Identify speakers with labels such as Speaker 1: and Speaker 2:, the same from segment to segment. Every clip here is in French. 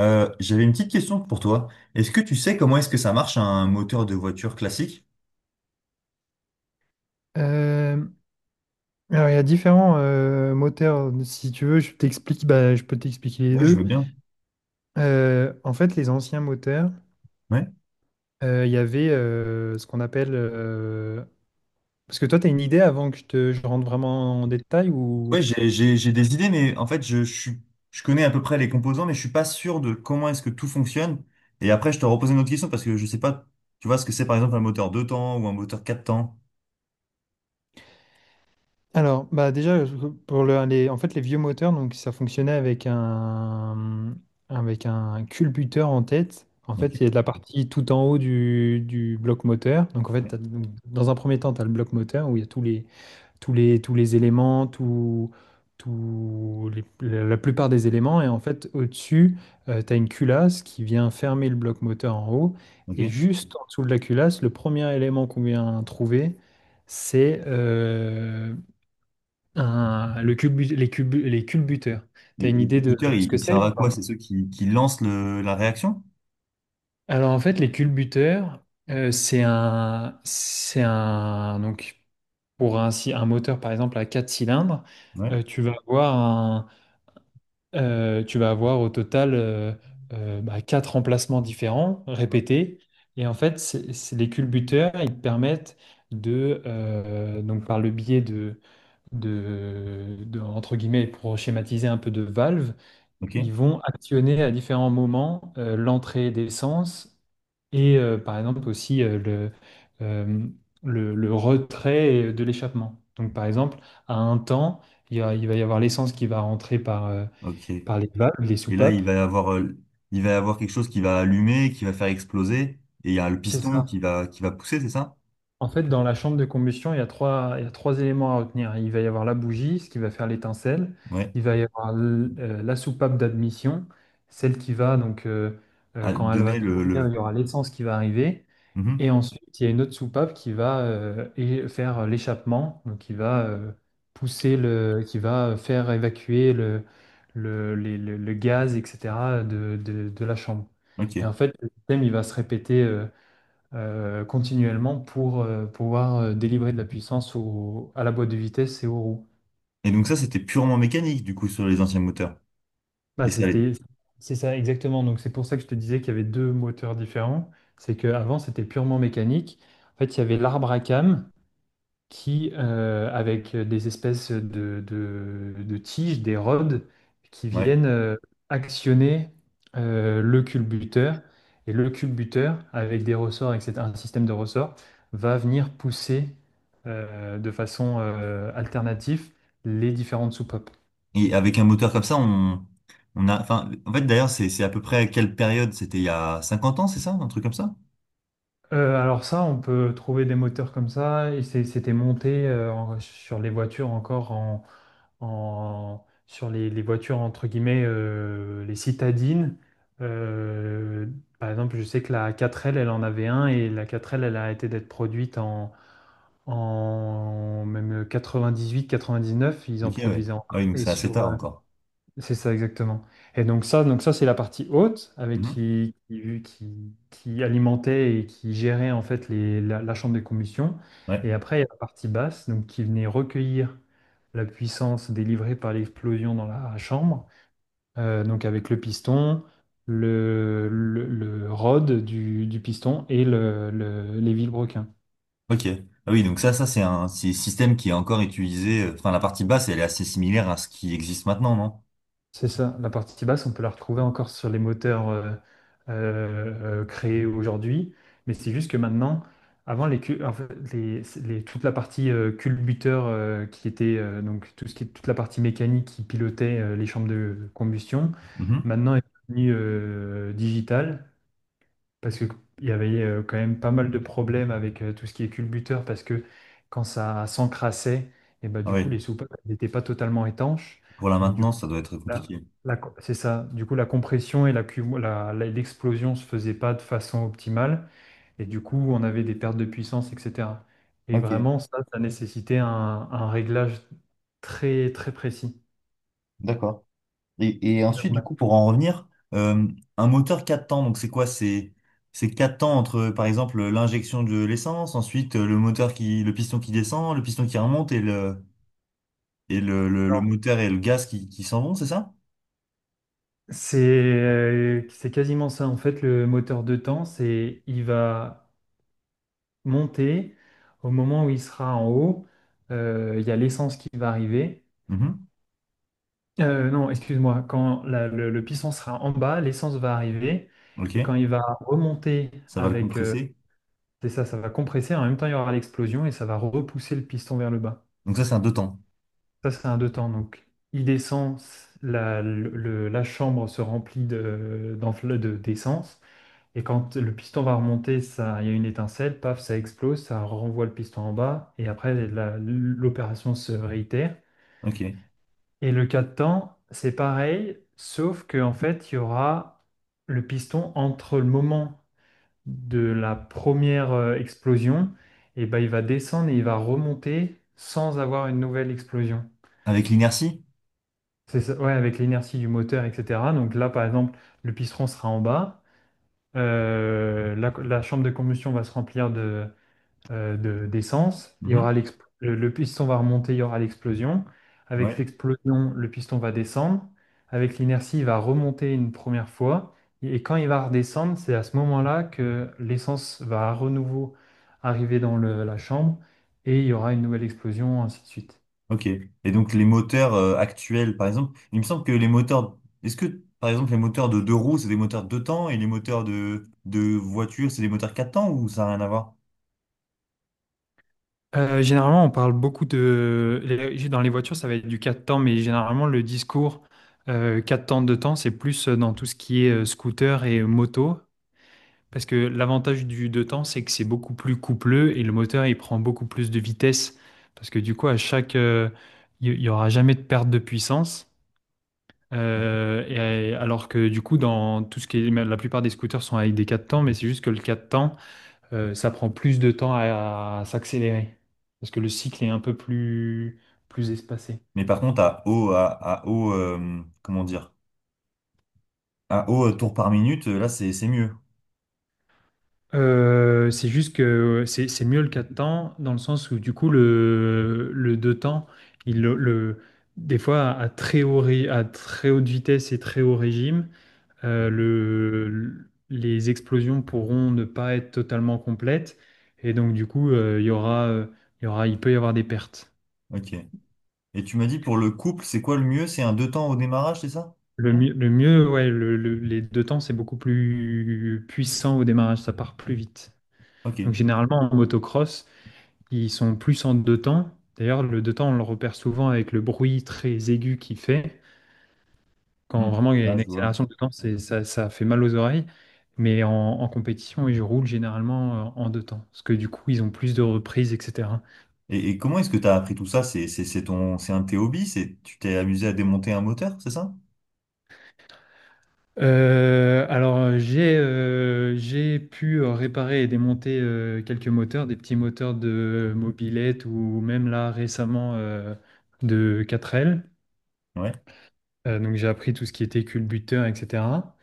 Speaker 1: J'avais une petite question pour toi. Est-ce que tu sais comment est-ce que ça marche un moteur de voiture classique?
Speaker 2: Euh, alors, il y a différents moteurs. Si tu veux, bah, je peux t'expliquer les
Speaker 1: Ouais, je
Speaker 2: deux.
Speaker 1: veux bien.
Speaker 2: En fait, les anciens moteurs,
Speaker 1: Ouais.
Speaker 2: il y avait ce qu'on appelle... Parce que toi, tu as une idée avant que je rentre vraiment en détail
Speaker 1: Ouais,
Speaker 2: ou...
Speaker 1: j'ai, j'ai, j'ai des idées, mais en fait, je connais à peu près les composants, mais je suis pas sûr de comment est-ce que tout fonctionne. Et après, je te repose une autre question parce que je sais pas, tu vois ce que c'est par exemple un moteur deux temps ou un moteur quatre temps.
Speaker 2: Alors, bah, déjà, en fait, les vieux moteurs, donc, ça fonctionnait avec un culbuteur en tête. En
Speaker 1: Ok.
Speaker 2: fait, il y a de la partie tout en haut du bloc moteur. Donc, en fait,
Speaker 1: Ouais.
Speaker 2: donc, dans un premier temps, tu as le bloc moteur où il y a tous les éléments, la plupart des éléments. Et en fait, au-dessus, tu as une culasse qui vient fermer le bloc moteur en haut.
Speaker 1: Ok.
Speaker 2: Et
Speaker 1: Et,
Speaker 2: juste en dessous de la culasse, le premier élément qu'on vient trouver, c'est un- le culbu- les culbuteurs. Tu as
Speaker 1: et
Speaker 2: une idée
Speaker 1: le
Speaker 2: de
Speaker 1: moteur,
Speaker 2: ce
Speaker 1: il,
Speaker 2: que
Speaker 1: il
Speaker 2: c'est
Speaker 1: sert
Speaker 2: ou
Speaker 1: à quoi?
Speaker 2: pas?
Speaker 1: C'est ceux qui lancent la réaction?
Speaker 2: Alors en fait, les culbuteurs, donc pour un, si- un moteur par exemple à 4 cylindres,
Speaker 1: Ouais.
Speaker 2: euh, tu vas avoir tu vas avoir au total bah, quatre remplacements différents,
Speaker 1: Ouais.
Speaker 2: répétés. Et en fait, les culbuteurs, ils te permettent donc par le biais de entre guillemets, pour schématiser un peu de valves,
Speaker 1: Ok.
Speaker 2: ils vont actionner à différents moments l'entrée d'essence et par exemple aussi euh, le retrait de l'échappement. Donc par exemple, à un temps, il va y avoir l'essence qui va rentrer
Speaker 1: Ok. Et
Speaker 2: par les valves, les
Speaker 1: là,
Speaker 2: soupapes.
Speaker 1: il va y avoir, il va y avoir quelque chose qui va allumer, qui va faire exploser. Et il y a le
Speaker 2: C'est
Speaker 1: piston
Speaker 2: ça.
Speaker 1: qui va pousser, c'est ça?
Speaker 2: En fait, dans la chambre de combustion, il y a trois éléments à retenir. Il va y avoir la bougie, ce qui va faire l'étincelle.
Speaker 1: Ouais.
Speaker 2: Il va y avoir la soupape d'admission, donc,
Speaker 1: À
Speaker 2: quand elle va
Speaker 1: donner le,
Speaker 2: s'ouvrir, il
Speaker 1: le...
Speaker 2: y aura l'essence qui va arriver.
Speaker 1: Mhm.
Speaker 2: Et ensuite, il y a une autre soupape qui va faire l'échappement, donc qui va qui va faire évacuer le gaz, etc., de la chambre.
Speaker 1: Ok.
Speaker 2: Et en fait, le système, il va se répéter continuellement pour pouvoir délivrer de la puissance à la boîte de vitesse et aux roues.
Speaker 1: Et donc ça, c'était purement mécanique, du coup, sur les anciens moteurs.
Speaker 2: Bah,
Speaker 1: Et ça allait.
Speaker 2: c'est ça exactement. Donc c'est pour ça que je te disais qu'il y avait deux moteurs différents. C'est qu'avant, c'était purement mécanique. En fait, il y avait l'arbre à cames avec des espèces de tiges, des rods, qui
Speaker 1: Ouais.
Speaker 2: viennent actionner le culbuteur. Et le culbuteur, avec des ressorts, etc., un système de ressorts, va venir pousser de façon alternative les différentes soupapes.
Speaker 1: Et avec un moteur comme ça, on a, enfin, en fait, d'ailleurs, c'est à peu près à quelle période? C'était il y a 50 ans, c'est ça? Un truc comme ça?
Speaker 2: Alors ça, on peut trouver des moteurs comme ça. C'était monté sur les voitures encore sur les voitures, entre guillemets, les citadines. Euh, Par exemple, je sais que la 4L, elle en avait un et la 4L, elle a arrêté d'être produite en même 98-99, ils
Speaker 1: Ok,
Speaker 2: en
Speaker 1: ouais.
Speaker 2: produisaient
Speaker 1: Ah
Speaker 2: encore.
Speaker 1: oui, donc c'est assez tard encore.
Speaker 2: C'est ça exactement. Et donc ça c'est la partie haute avec
Speaker 1: Mhm.
Speaker 2: qui alimentait et qui gérait en fait la chambre de combustion.
Speaker 1: Ouais.
Speaker 2: Et après il y a la partie basse donc qui venait recueillir la puissance délivrée par l'explosion dans la chambre. Donc avec le piston, le rod du piston et les vilebrequins.
Speaker 1: Ok. Ah oui, donc ça c'est un c'est système qui est encore utilisé. Enfin, la partie basse, elle est assez similaire à ce qui existe maintenant, non?
Speaker 2: C'est ça, la partie basse, on peut la retrouver encore sur les moteurs créés aujourd'hui, mais c'est juste que maintenant, en fait, toute la partie culbuteur qui était donc tout ce qui est toute la partie mécanique qui pilotait les chambres de combustion,
Speaker 1: Mhm.
Speaker 2: maintenant est devenue digitale parce que il y avait quand même pas mal de problèmes avec tout ce qui est culbuteur parce que quand ça s'encrassait, et ben,
Speaker 1: Ah
Speaker 2: du coup
Speaker 1: oui.
Speaker 2: les soupapes n'étaient pas totalement étanches.
Speaker 1: Pour la
Speaker 2: Donc, du
Speaker 1: maintenance, ça doit être
Speaker 2: la-
Speaker 1: compliqué.
Speaker 2: la C'est ça. Du coup, la compression et la cum- la- la- l'explosion se faisaient pas de façon optimale. Et du coup, on avait des pertes de puissance, etc. Et
Speaker 1: Ok,
Speaker 2: vraiment, ça nécessitait un réglage très, très précis.
Speaker 1: d'accord. Et
Speaker 2: Et donc,
Speaker 1: ensuite, du
Speaker 2: maintenant,
Speaker 1: coup, pour en revenir, euh, un moteur 4 temps, donc c'est quoi? C'est 4 temps entre, par exemple, l'injection de l'essence, ensuite le moteur qui, le piston qui descend, le piston qui remonte et le moteur et le gaz qui s'en vont, c'est ça?
Speaker 2: c'est quasiment ça. En fait, le moteur de temps, c'est il va monter au moment où il sera en haut. Il y a l'essence qui va arriver.
Speaker 1: Mhm.
Speaker 2: Non, excuse-moi. Quand le piston sera en bas, l'essence va arriver.
Speaker 1: Ok,
Speaker 2: Et quand il va remonter
Speaker 1: ça va le
Speaker 2: avec...
Speaker 1: compresser.
Speaker 2: C'est ça, ça va compresser. En même temps, il y aura l'explosion et ça va repousser le piston vers le bas.
Speaker 1: Donc ça, c'est un deux temps.
Speaker 2: Ça, c'est un deux temps. Donc, il descend, la chambre se remplit d'essence. Et quand le piston va remonter, ça, il y a une étincelle, paf, ça explose, ça renvoie le piston en bas. Et après, l'opération se réitère.
Speaker 1: Ok.
Speaker 2: Et le cas de temps, c'est pareil, sauf que en fait, il y aura le piston entre le moment de la première explosion, et ben, il va descendre et il va remonter sans avoir une nouvelle explosion.
Speaker 1: Avec l'inertie?
Speaker 2: C'est ça, ouais, avec l'inertie du moteur, etc. Donc là, par exemple, le piston sera en bas, la chambre de combustion va se remplir d'essence, il y aura
Speaker 1: Mhm.
Speaker 2: l'exp- le piston va remonter, il y aura l'explosion. Avec
Speaker 1: Ouais.
Speaker 2: l'explosion, le piston va descendre. Avec l'inertie, il va remonter une première fois. Et quand il va redescendre, c'est à ce moment-là que l'essence va à renouveau arriver dans la chambre et il y aura une nouvelle explosion, ainsi de suite.
Speaker 1: Ok. Et donc les moteurs actuels, par exemple, il me semble que les moteurs, est-ce que par exemple les moteurs de deux roues, c'est des moteurs deux temps et les moteurs de voiture, c'est des moteurs quatre temps ou ça n'a rien à voir?
Speaker 2: Généralement, on parle beaucoup de... les- dans les voitures, ça va être du 4 temps, mais généralement, le discours 4 temps, 2 temps, c'est plus dans tout ce qui est scooter et moto. Parce que l'avantage du deux temps, c'est que c'est beaucoup plus coupleux et le moteur, il prend beaucoup plus de vitesse. Parce que du coup, il n'y aura jamais de perte de puissance. Alors que du coup, dans tout ce qui est, la plupart des scooters sont avec des 4 temps, mais c'est juste que le 4 temps, ça prend plus de temps à s'accélérer. Parce que le cycle est un peu plus espacé.
Speaker 1: Mais par contre, à haut, comment dire, à haut tour par minute, là c'est mieux.
Speaker 2: C'est juste que c'est mieux le 4 temps dans le sens où du coup le 2 temps, il, le, le- des fois à à très haute vitesse et très haut régime,
Speaker 1: Mhm.
Speaker 2: les explosions pourront ne pas être totalement complètes et donc du coup il peut y avoir des pertes.
Speaker 1: Ok. Et tu m'as dit pour le couple, c'est quoi le mieux? C'est un deux temps au démarrage, c'est ça?
Speaker 2: Le mieux, ouais, les deux temps c'est beaucoup plus puissant au démarrage, ça part plus vite. Donc
Speaker 1: Ok.
Speaker 2: généralement en motocross, ils sont plus en deux temps. D'ailleurs, le deux temps, on le repère souvent avec le bruit très aigu qu'il fait. Quand
Speaker 1: Hmm.
Speaker 2: vraiment il y a
Speaker 1: Là,
Speaker 2: une
Speaker 1: je vois.
Speaker 2: accélération de temps, ça fait mal aux oreilles. Mais en compétition, ils roulent généralement en deux temps. Parce que du coup, ils ont plus de reprises, etc.
Speaker 1: Et comment est-ce que tu as appris tout ça? C'est ton, c'est un de tes hobbies? C'est, tu t'es amusé à démonter un moteur, c'est ça?
Speaker 2: Alors, j'ai pu réparer et démonter quelques moteurs, des petits moteurs de mobilette ou même là récemment de 4L.
Speaker 1: Ouais.
Speaker 2: Donc j'ai appris tout ce qui était culbuteur, etc.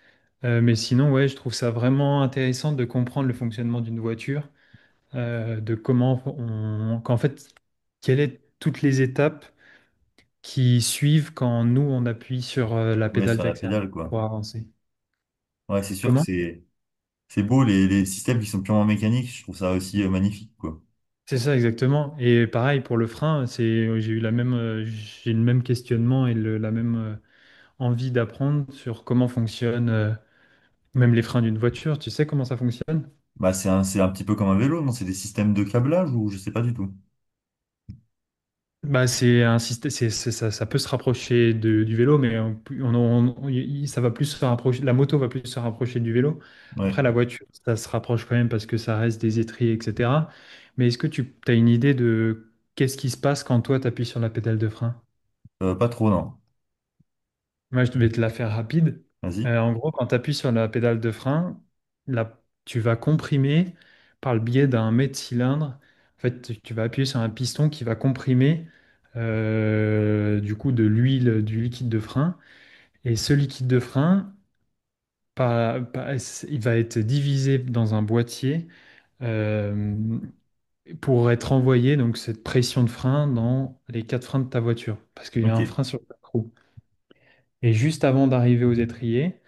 Speaker 2: Mais sinon, ouais, je trouve ça vraiment intéressant de comprendre le fonctionnement d'une voiture, qu'en fait, quelles sont toutes les étapes qui suivent quand nous on appuie sur la
Speaker 1: Ouais,
Speaker 2: pédale
Speaker 1: sur la
Speaker 2: d'accélérateur
Speaker 1: pédale, quoi.
Speaker 2: pour avancer.
Speaker 1: Ouais, c'est sûr que
Speaker 2: Comment?
Speaker 1: c'est beau les systèmes qui sont purement mécaniques, je trouve ça aussi magnifique quoi.
Speaker 2: C'est ça exactement. Et pareil pour le frein, j'ai le même questionnement et la même envie d'apprendre sur comment fonctionnent même les freins d'une voiture. Tu sais comment ça fonctionne?
Speaker 1: Bah c'est un petit peu comme un vélo, non? C'est des systèmes de câblage ou je sais pas du tout.
Speaker 2: Bah, c'est un système, c'est- ça peut se rapprocher du vélo, mais ça va plus se rapprocher, la moto va plus se rapprocher du vélo.
Speaker 1: Ouais,
Speaker 2: Après, la voiture, ça se rapproche quand même parce que ça reste des étriers, etc. Mais est-ce que tu as une idée de qu'est-ce qui se passe quand toi, tu appuies sur la pédale de frein?
Speaker 1: Pas trop non.
Speaker 2: Moi, je vais te la faire rapide.
Speaker 1: Vas-y.
Speaker 2: En gros, quand tu appuies sur la pédale de frein, là, tu vas comprimer par le biais d'un mets de cylindre. En fait, tu vas appuyer sur un piston qui va comprimer du coup de l'huile, du liquide de frein. Et ce liquide de frein, par- par- il va être divisé dans un boîtier euh, pour être envoyé, donc cette pression de frein, dans les quatre freins de ta voiture. Parce qu'il y a
Speaker 1: Ok,
Speaker 2: un frein sur ta roue. Et juste avant d'arriver aux étriers,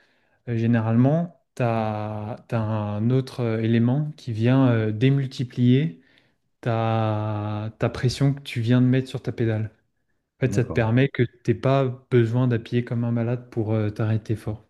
Speaker 2: généralement, un autre élément qui vient démultiplier ta pression que tu viens de mettre sur ta pédale. En fait, ça te
Speaker 1: d'accord.
Speaker 2: permet que tu n'aies pas besoin d'appuyer comme un malade pour t'arrêter fort.